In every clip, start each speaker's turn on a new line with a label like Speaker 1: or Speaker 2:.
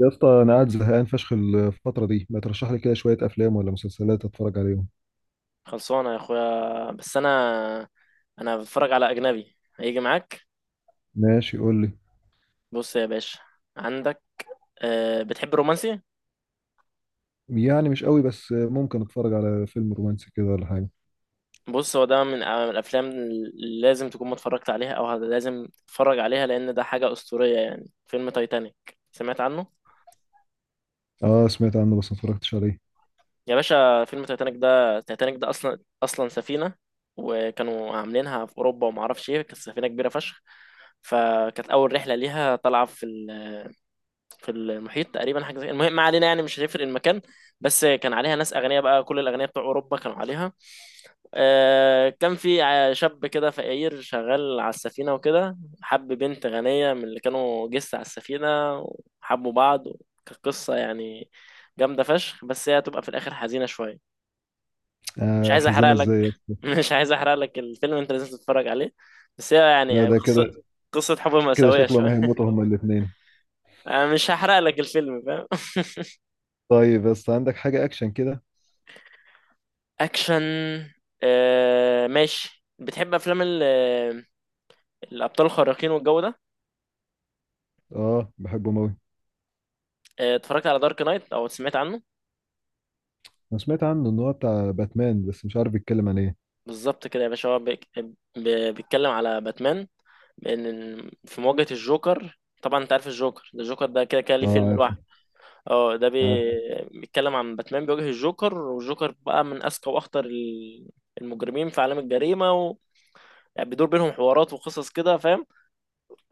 Speaker 1: يا اسطى، انا قاعد زهقان فشخ الفتره دي. ما ترشح لي كده شويه افلام ولا مسلسلات اتفرج عليهم؟
Speaker 2: خلصانة يا اخويا، بس انا بتفرج على اجنبي. هيجي معاك؟
Speaker 1: ماشي، قول لي.
Speaker 2: بص يا باشا، عندك بتحب الرومانسي؟
Speaker 1: يعني مش قوي، بس ممكن اتفرج على فيلم رومانسي كده ولا حاجه.
Speaker 2: بص، هو ده من الافلام اللي لازم تكون ما اتفرجت عليها، او لازم تتفرج عليها، لان ده حاجة اسطورية. يعني فيلم تايتانيك، سمعت عنه؟
Speaker 1: اه، سمعت عنه بس ما اتفرجتش عليه.
Speaker 2: يا باشا، فيلم تايتانيك ده، تايتانيك ده اصلا سفينة، وكانوا عاملينها في اوروبا وما اعرفش ايه. كانت سفينة كبيرة فشخ. فكانت اول رحلة ليها طالعة في المحيط تقريبا، حاجه زي، المهم ما علينا، يعني مش هتفرق المكان. بس كان عليها ناس اغنياء، بقى كل الاغنياء بتوع اوروبا كانوا عليها. كان في شاب كده فقير شغال على السفينه، وكده حب بنت غنيه من اللي كانوا جس على السفينه، وحبوا بعض. كانت قصه، يعني جامده فشخ، بس هي هتبقى في الاخر حزينه شويه. مش
Speaker 1: آه،
Speaker 2: عايز احرق
Speaker 1: حزينه
Speaker 2: لك
Speaker 1: ازاي يا اسطى؟
Speaker 2: مش عايز احرق لك الفيلم، انت لازم تتفرج عليه. بس هي
Speaker 1: ده
Speaker 2: يعني
Speaker 1: ده كده.
Speaker 2: قصه. قصه حب
Speaker 1: كده
Speaker 2: مأساويه
Speaker 1: شكله ما
Speaker 2: شويه.
Speaker 1: هيموتوا هما الاثنين.
Speaker 2: أنا مش هحرق لك الفيلم، فاهم؟
Speaker 1: طيب، بس عندك حاجه اكشن كده؟
Speaker 2: اكشن. آه ماشي، بتحب افلام الابطال الخارقين والجو ده؟
Speaker 1: اه، بحبه موي.
Speaker 2: اتفرجت على دارك نايت او سمعت عنه؟
Speaker 1: انا سمعت عنه ان هو بتاع باتمان، بس مش عارف بيتكلم عن ايه.
Speaker 2: بالظبط كده يا باشا، هو بيتكلم على باتمان، بان، في مواجهة الجوكر. طبعا انت عارف الجوكر ده، الجوكر ده كده كده ليه فيلم
Speaker 1: اه،
Speaker 2: لوحده.
Speaker 1: عارفه.
Speaker 2: اه، ده
Speaker 1: عارفه.
Speaker 2: بيتكلم عن باتمان بيواجه الجوكر، والجوكر بقى من اذكى واخطر المجرمين في عالم الجريمه. و... يعني بيدور بينهم حوارات وقصص كده، فاهم؟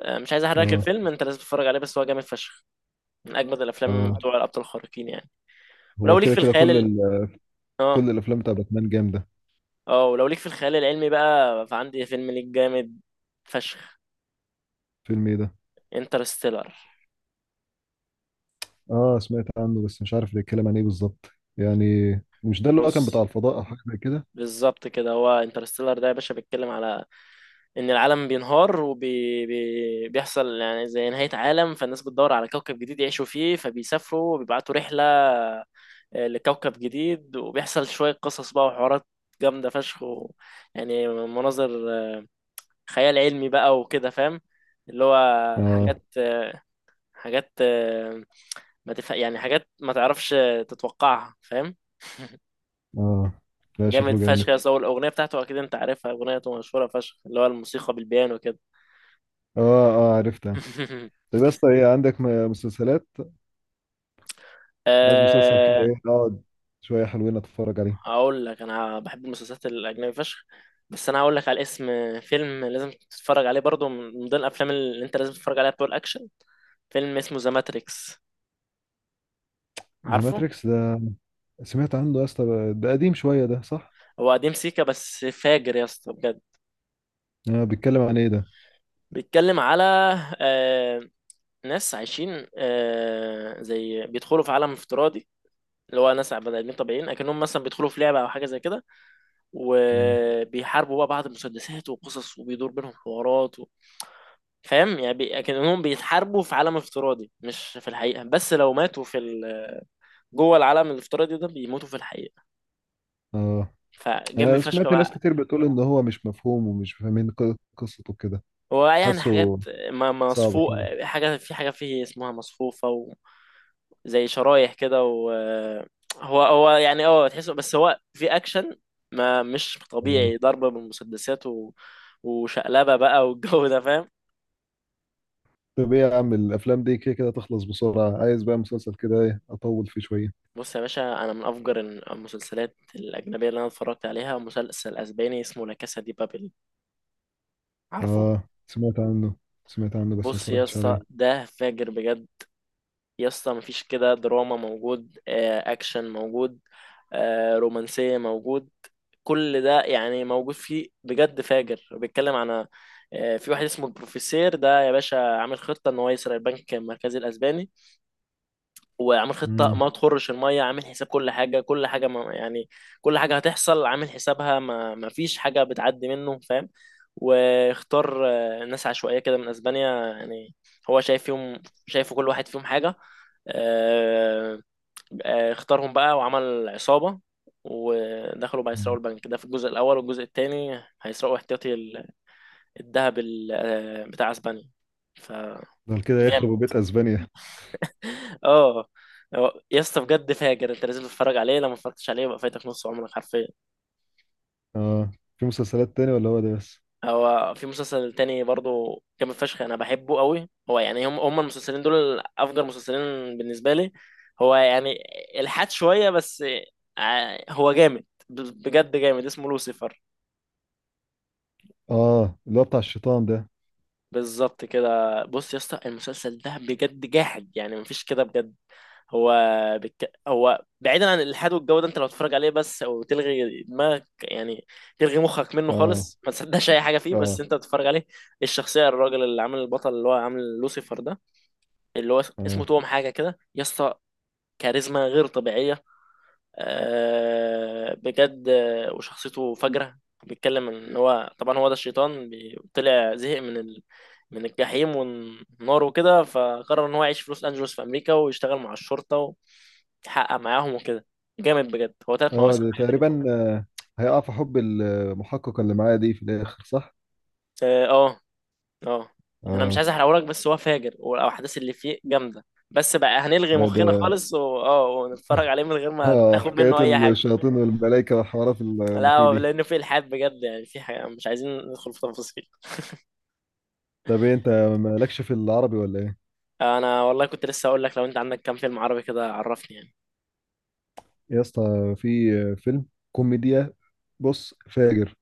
Speaker 2: مش عايز احرق لك
Speaker 1: اه،
Speaker 2: الفيلم، انت لازم تتفرج عليه، بس هو جامد فشخ. من اجمد الافلام
Speaker 1: اه.
Speaker 2: بتوع الابطال الخارقين يعني. ولو
Speaker 1: هو
Speaker 2: ليك
Speaker 1: كده
Speaker 2: في
Speaker 1: كده
Speaker 2: الخيال اه.
Speaker 1: كل الافلام بتاع باتمان جامده.
Speaker 2: اه، ولو ليك في الخيال العلمي بقى، فعندي فيلم ليك جامد فشخ.
Speaker 1: فيلم ايه ده؟
Speaker 2: انترستيلر.
Speaker 1: اه، سمعت عنه بس مش عارف بيتكلم عن ايه بالظبط، يعني. مش ده اللي هو كان بتاع
Speaker 2: بص،
Speaker 1: الفضاء او حاجه زي كده؟
Speaker 2: بالظبط كده، هو انترستيلر ده يا باشا بيتكلم على ان العالم بينهار، وبيحصل يعني زي نهاية عالم، فالناس بتدور على كوكب جديد يعيشوا فيه. فبيسافروا وبيبعتوا رحلة، لكوكب جديد، وبيحصل شوية قصص بقى وحوارات جامدة فشخ. و... يعني مناظر خيال علمي بقى وكده، فاهم؟ اللي هو
Speaker 1: اه،
Speaker 2: حاجات، حاجات ما تف... يعني حاجات ما تعرفش تتوقعها، فاهم؟
Speaker 1: اه. لا،
Speaker 2: جامد
Speaker 1: شكله
Speaker 2: فشخ
Speaker 1: جامد.
Speaker 2: يا صاحبي. الاغنيه بتاعته اكيد انت عارفها، اغنيته مشهوره فشخ، اللي هو الموسيقى بالبيانو كده.
Speaker 1: اه، اه. عرفتها. طب يا اسطى، ايه، عندك مسلسلات؟ عايز مسلسل كده،
Speaker 2: أه...
Speaker 1: ايه، اقعد شويه حلوين اتفرج عليه.
Speaker 2: هقول لك، انا بحب المسلسلات الاجنبي فشخ، بس انا هقول لك على اسم فيلم لازم تتفرج عليه برضو، من ضمن الافلام اللي انت لازم تتفرج عليها بتوع الاكشن. فيلم اسمه ذا ماتريكس،
Speaker 1: ذا
Speaker 2: عارفه؟
Speaker 1: ماتريكس ده سمعت عنه يا اسطى، ده قديم شويه، ده صح؟
Speaker 2: هو قديم سيكا، بس فاجر يا اسطى بجد.
Speaker 1: اه، بيتكلم عن ايه ده؟
Speaker 2: بيتكلم على آه، ناس عايشين، زي بيدخلوا في عالم افتراضي. اللي هو ناس بني ادمين طبيعيين، اكنهم مثلا بيدخلوا في لعبه او حاجه زي كده،
Speaker 1: مم.
Speaker 2: وبيحاربوا بقى بعض، المسدسات وقصص، وبيدور بينهم حوارات. و... فاهم يعني، بي... اكنهم بيتحاربوا في عالم افتراضي مش في الحقيقه، بس لو ماتوا في جوه العالم الافتراضي ده بيموتوا في الحقيقه.
Speaker 1: اه،
Speaker 2: فجامد
Speaker 1: انا
Speaker 2: فشخ
Speaker 1: سمعت ناس
Speaker 2: بقى.
Speaker 1: كتير بتقول ان هو مش مفهوم، ومش فاهمين قصته كده.
Speaker 2: ويعني حاجات
Speaker 1: حاسه صعب
Speaker 2: مصفوف،
Speaker 1: كده.
Speaker 2: حاجة في حاجة فيه اسمها مصفوفة، و... زي شرايح كده. و هو هو، يعني اه تحسه، بس هو في اكشن ما مش
Speaker 1: آه.
Speaker 2: طبيعي، ضربة بالمسدسات، و... وشقلبة بقى والجو ده، فاهم؟
Speaker 1: طب ايه يا عم، الافلام دي كده كده تخلص بسرعه. عايز بقى مسلسل كده، ايه، اطول فيه شويه.
Speaker 2: بص يا باشا، انا من افجر المسلسلات الاجنبيه اللي انا اتفرجت عليها مسلسل اسباني، اسمه لا كاسا دي بابل، عارفه؟
Speaker 1: اه، سمعت عنه. سمعت عنه بس ما
Speaker 2: بص يا
Speaker 1: اتفرجتش
Speaker 2: اسطى،
Speaker 1: عليه.
Speaker 2: ده فاجر بجد. يا اسطى، مفيش كده. دراما موجود، اكشن موجود، رومانسية موجود، كل ده يعني موجود فيه، بجد فاجر. بيتكلم عن في واحد اسمه البروفيسير ده يا باشا، عامل خطة ان هو يسرق البنك المركزي الاسباني. وعامل خطة
Speaker 1: امم
Speaker 2: ما تخرش المية، عامل حساب كل حاجة، كل حاجة ما يعني، كل حاجة هتحصل عامل حسابها، ما فيش حاجة بتعدي منه، فاهم؟ واختار ناس عشوائية كده من أسبانيا يعني، هو شايف فيهم، شايفه كل واحد فيهم حاجة. آه، اختارهم بقى وعمل عصابة، ودخلوا بقى يسرقوا البنك ده في الجزء الأول، والجزء التاني هيسرقوا احتياطي الذهب بتاع أسبانيا. فجامد.
Speaker 1: ده كده يخرب بيت اسبانيا.
Speaker 2: اه، يا اسطى بجد فاجر. انت لازم تتفرج عليه، لو ما اتفرجتش عليه يبقى فايتك نص عمرك حرفيا.
Speaker 1: اه، في مسلسلات تاني ولا هو ده بس؟
Speaker 2: هو في مسلسل تاني برضو جامد فشخ، انا بحبه قوي. هو يعني هم المسلسلين دول افجر مسلسلين بالنسبه لي. هو يعني الحاد شويه بس. هو جامد بجد جامد، اسمه لوسيفر.
Speaker 1: اه، اللي هو بتاع الشيطان ده.
Speaker 2: بالظبط كده. بص يا اسطى، المسلسل ده بجد جاحد، يعني مفيش كده بجد. هو هو بعيدا عن الالحاد والجو ده، انت لو تتفرج عليه بس، او تلغي دماغك يعني، تلغي مخك منه
Speaker 1: اه،
Speaker 2: خالص، ما تصدقش اي حاجه فيه، بس
Speaker 1: اه،
Speaker 2: انت تتفرج عليه. الشخصيه الراجل اللي عامل البطل، اللي هو عامل لوسيفر ده، اللي هو اسمه
Speaker 1: اه،
Speaker 2: توم حاجه كده يا اسطى، كاريزما غير طبيعيه، بجد، وشخصيته فجرة. بيتكلم ان هو طبعا هو ده الشيطان، طلع زهق من من الجحيم والنار وكده، فقرر ان هو يعيش في لوس انجلوس في امريكا، ويشتغل مع الشرطة، ويحقق معاهم وكده. جامد بجد. هو ثلاث
Speaker 1: اه،
Speaker 2: مواسم
Speaker 1: ده
Speaker 2: حاجة زي كده.
Speaker 1: تقريبا، هيقع في حب المحقق اللي معايا دي في الاخر، صح؟
Speaker 2: اه. اه. آه. انا مش
Speaker 1: اه.
Speaker 2: عايز احرقهولك، بس هو فاجر والاحداث اللي فيه جامدة. بس بقى هنلغي
Speaker 1: لا،
Speaker 2: مخنا
Speaker 1: ده،
Speaker 2: خالص، و... اه ونتفرج عليه من غير ما
Speaker 1: اه
Speaker 2: تاخد منه
Speaker 1: حكايات
Speaker 2: اي حاجة.
Speaker 1: الشياطين والملائكه والحوارات اللي
Speaker 2: لا،
Speaker 1: فيه
Speaker 2: هو
Speaker 1: دي.
Speaker 2: لانه فيه الحاد بجد، يعني في حاجة مش عايزين ندخل في تفاصيل.
Speaker 1: طب، إيه، انت مالكش في العربي ولا؟
Speaker 2: انا والله كنت لسه اقول لك، لو انت عندك كام فيلم عربي كده عرفني يعني.
Speaker 1: يا اسطى، في فيلم كوميديا، بص فاجر،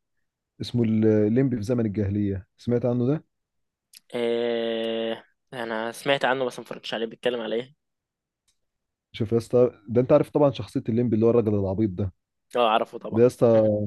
Speaker 1: اسمه الليمبي في زمن الجاهلية. سمعت عنه ده؟
Speaker 2: إيه؟ انا سمعت عنه بس ما اتفرجتش عليه. بيتكلم على ايه؟
Speaker 1: شوف يا اسطى، ده انت عارف طبعا شخصية الليمبي، اللي هو الراجل العبيط ده.
Speaker 2: اه اعرفه طبعا.
Speaker 1: ده يا اسطى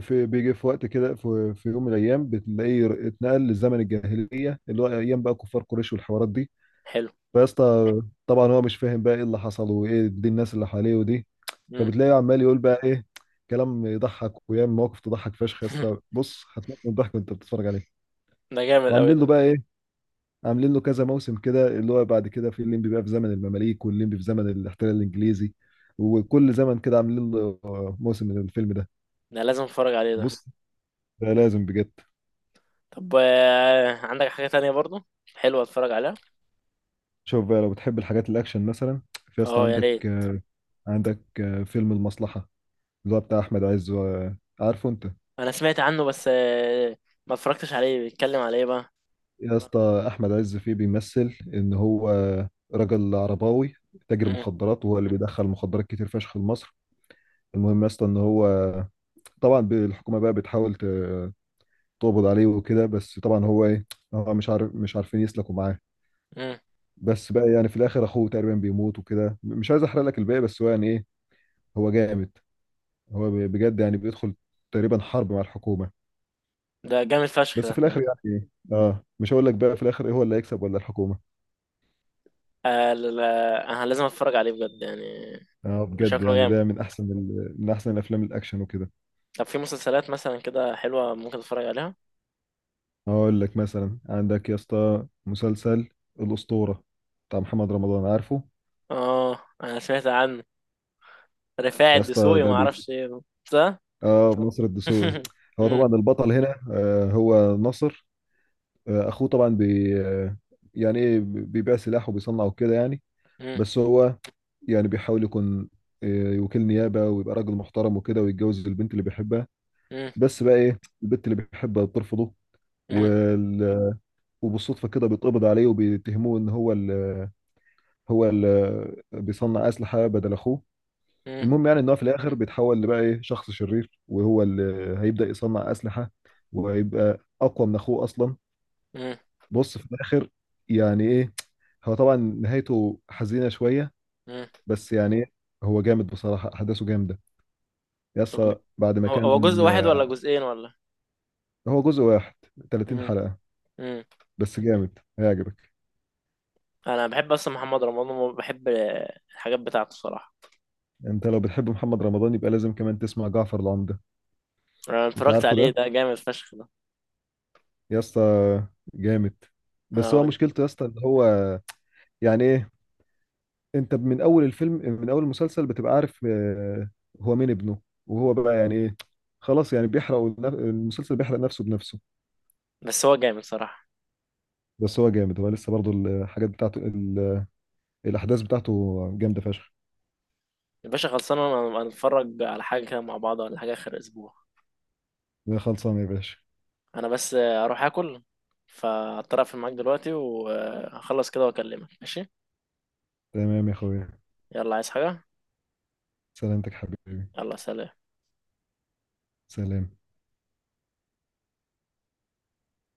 Speaker 1: في بيجي في وقت كده، في يوم من الايام بتلاقيه اتنقل لزمن الجاهلية، اللي هو ايام بقى كفار قريش والحوارات دي.
Speaker 2: حلو.
Speaker 1: فيا اسطى، طبعا هو مش فاهم بقى ايه اللي حصل، وايه دي الناس اللي حواليه ودي.
Speaker 2: مم.
Speaker 1: فبتلاقيه عمال يقول بقى ايه، كلام يضحك، ويعمل مواقف تضحك فشخ. يا اسطى، بص هتموت من الضحك وانت بتتفرج عليه.
Speaker 2: ده جامد قوي
Speaker 1: وعاملين
Speaker 2: ده.
Speaker 1: له بقى إيه، عاملين له كذا موسم كده، اللي هو بعد كده في الليمبي بقى في زمن المماليك، والليمبي في زمن الاحتلال الانجليزي، وكل زمن كده عاملين له موسم من الفيلم ده.
Speaker 2: ده لازم اتفرج عليه ده.
Speaker 1: بص، ده لازم بجد.
Speaker 2: طب عندك حاجة تانية برضو حلوة اتفرج عليها؟
Speaker 1: شوف بقى، لو بتحب الحاجات الاكشن مثلا، في اصلا
Speaker 2: اه يا ريت.
Speaker 1: عندك فيلم المصلحة، اللي هو بتاع احمد عز و- عارفه انت؟
Speaker 2: انا سمعت عنه بس ما اتفرجتش عليه. بيتكلم على ايه بقى؟
Speaker 1: يا اسطى، احمد عز فيه بيمثل ان هو راجل عرباوي، تاجر
Speaker 2: مم.
Speaker 1: مخدرات، وهو اللي بيدخل مخدرات كتير فشخ لمصر. المهم يا اسطى، ان هو طبعا، الحكومه بقى بتحاول تقبض عليه وكده، بس طبعا هو ايه، هو مش عارف، مش عارفين يسلكوا معاه.
Speaker 2: مم.
Speaker 1: بس بقى يعني في الاخر اخوه تقريبا بيموت وكده، مش عايز احرق لك الباقي، بس هو يعني ايه، هو جامد. هو بجد يعني بيدخل تقريبا حرب مع الحكومة.
Speaker 2: ده جامد فشخ
Speaker 1: بس
Speaker 2: ده
Speaker 1: في الاخر يعني ايه، اه، مش هقول لك بقى في الاخر ايه، هو اللي هيكسب ولا الحكومة.
Speaker 2: لا، انا لازم اتفرج عليه بجد يعني.
Speaker 1: اه، بجد
Speaker 2: شكله
Speaker 1: يعني
Speaker 2: جامد.
Speaker 1: ده من احسن من احسن الافلام الاكشن وكده.
Speaker 2: طب في مسلسلات مثلا كده حلوة ممكن اتفرج عليها؟
Speaker 1: هقول لك مثلا، عندك يا اسطى مسلسل الاسطورة، بتاع محمد رمضان، عارفه؟
Speaker 2: اه انا سمعت عنه. رفاعي
Speaker 1: يا اسطى
Speaker 2: الدسوقي ما
Speaker 1: ده،
Speaker 2: اعرفش ايه، صح؟
Speaker 1: اه، ناصر الدسوقي. هو
Speaker 2: مم،
Speaker 1: طبعا البطل هنا، هو ناصر. اخوه طبعا، بي آه، يعني ايه، بيبيع سلاح وبيصنع وكده يعني.
Speaker 2: مم،
Speaker 1: بس هو يعني بيحاول يكون، وكيل نيابة، ويبقى راجل محترم وكده، ويتجوز البنت اللي بيحبها.
Speaker 2: مم،
Speaker 1: بس بقى ايه، البنت اللي بيحبها بترفضه.
Speaker 2: مم،
Speaker 1: وال... وبالصدفة كده بيتقبض عليه، وبيتهموه ان هو هو ال... بيصنع أسلحة بدل اخوه.
Speaker 2: مم،
Speaker 1: المهم، يعني ان هو في الاخر بيتحول لبقى ايه، شخص شرير، وهو اللي هيبدأ يصنع اسلحة، وهيبقى اقوى من اخوه اصلا.
Speaker 2: مم،
Speaker 1: بص في الاخر، يعني ايه، هو طبعا نهايته حزينة شوية.
Speaker 2: مم.
Speaker 1: بس يعني إيه، هو جامد بصراحة، احداثه جامدة.
Speaker 2: طب،
Speaker 1: يسا بعد ما
Speaker 2: هو
Speaker 1: كان.
Speaker 2: جزء واحد ولا جزئين ولا؟
Speaker 1: هو جزء واحد، 30
Speaker 2: مم،
Speaker 1: حلقة،
Speaker 2: مم.
Speaker 1: بس جامد هيعجبك.
Speaker 2: انا بحب اصلا محمد رمضان، وبحب الحاجات بتاعته صراحة.
Speaker 1: انت لو بتحب محمد رمضان يبقى لازم كمان تسمع جعفر العمدة.
Speaker 2: انا
Speaker 1: انت
Speaker 2: اتفرجت
Speaker 1: عارفه
Speaker 2: عليه،
Speaker 1: ده.
Speaker 2: ده جامد فشخ ده.
Speaker 1: يسا جامد. بس هو
Speaker 2: آه،
Speaker 1: مشكلته يا اسطى ان هو، يعني ايه، انت من اول الفيلم من اول المسلسل بتبقى عارف، هو مين ابنه، وهو بقى يعني ايه، خلاص يعني بيحرق المسلسل. بيحرق نفسه بنفسه.
Speaker 2: بس هو جامد صراحة.
Speaker 1: بس هو جامد. هو لسه برضو الحاجات بتاعته، الاحداث بتاعته جامده فشخ.
Speaker 2: يا باشا خلصانة. انا اتفرج على حاجة كده مع بعض ولا حاجة اخر اسبوع؟
Speaker 1: خلصانه يا باشا.
Speaker 2: انا بس اروح اكل، فاضطر اقفل معاك دلوقتي وهخلص كده واكلمك، ماشي؟
Speaker 1: تمام يا اخويا.
Speaker 2: يلا، عايز حاجة؟
Speaker 1: سلامتك حبيبي.
Speaker 2: يلا سلام.
Speaker 1: سلام.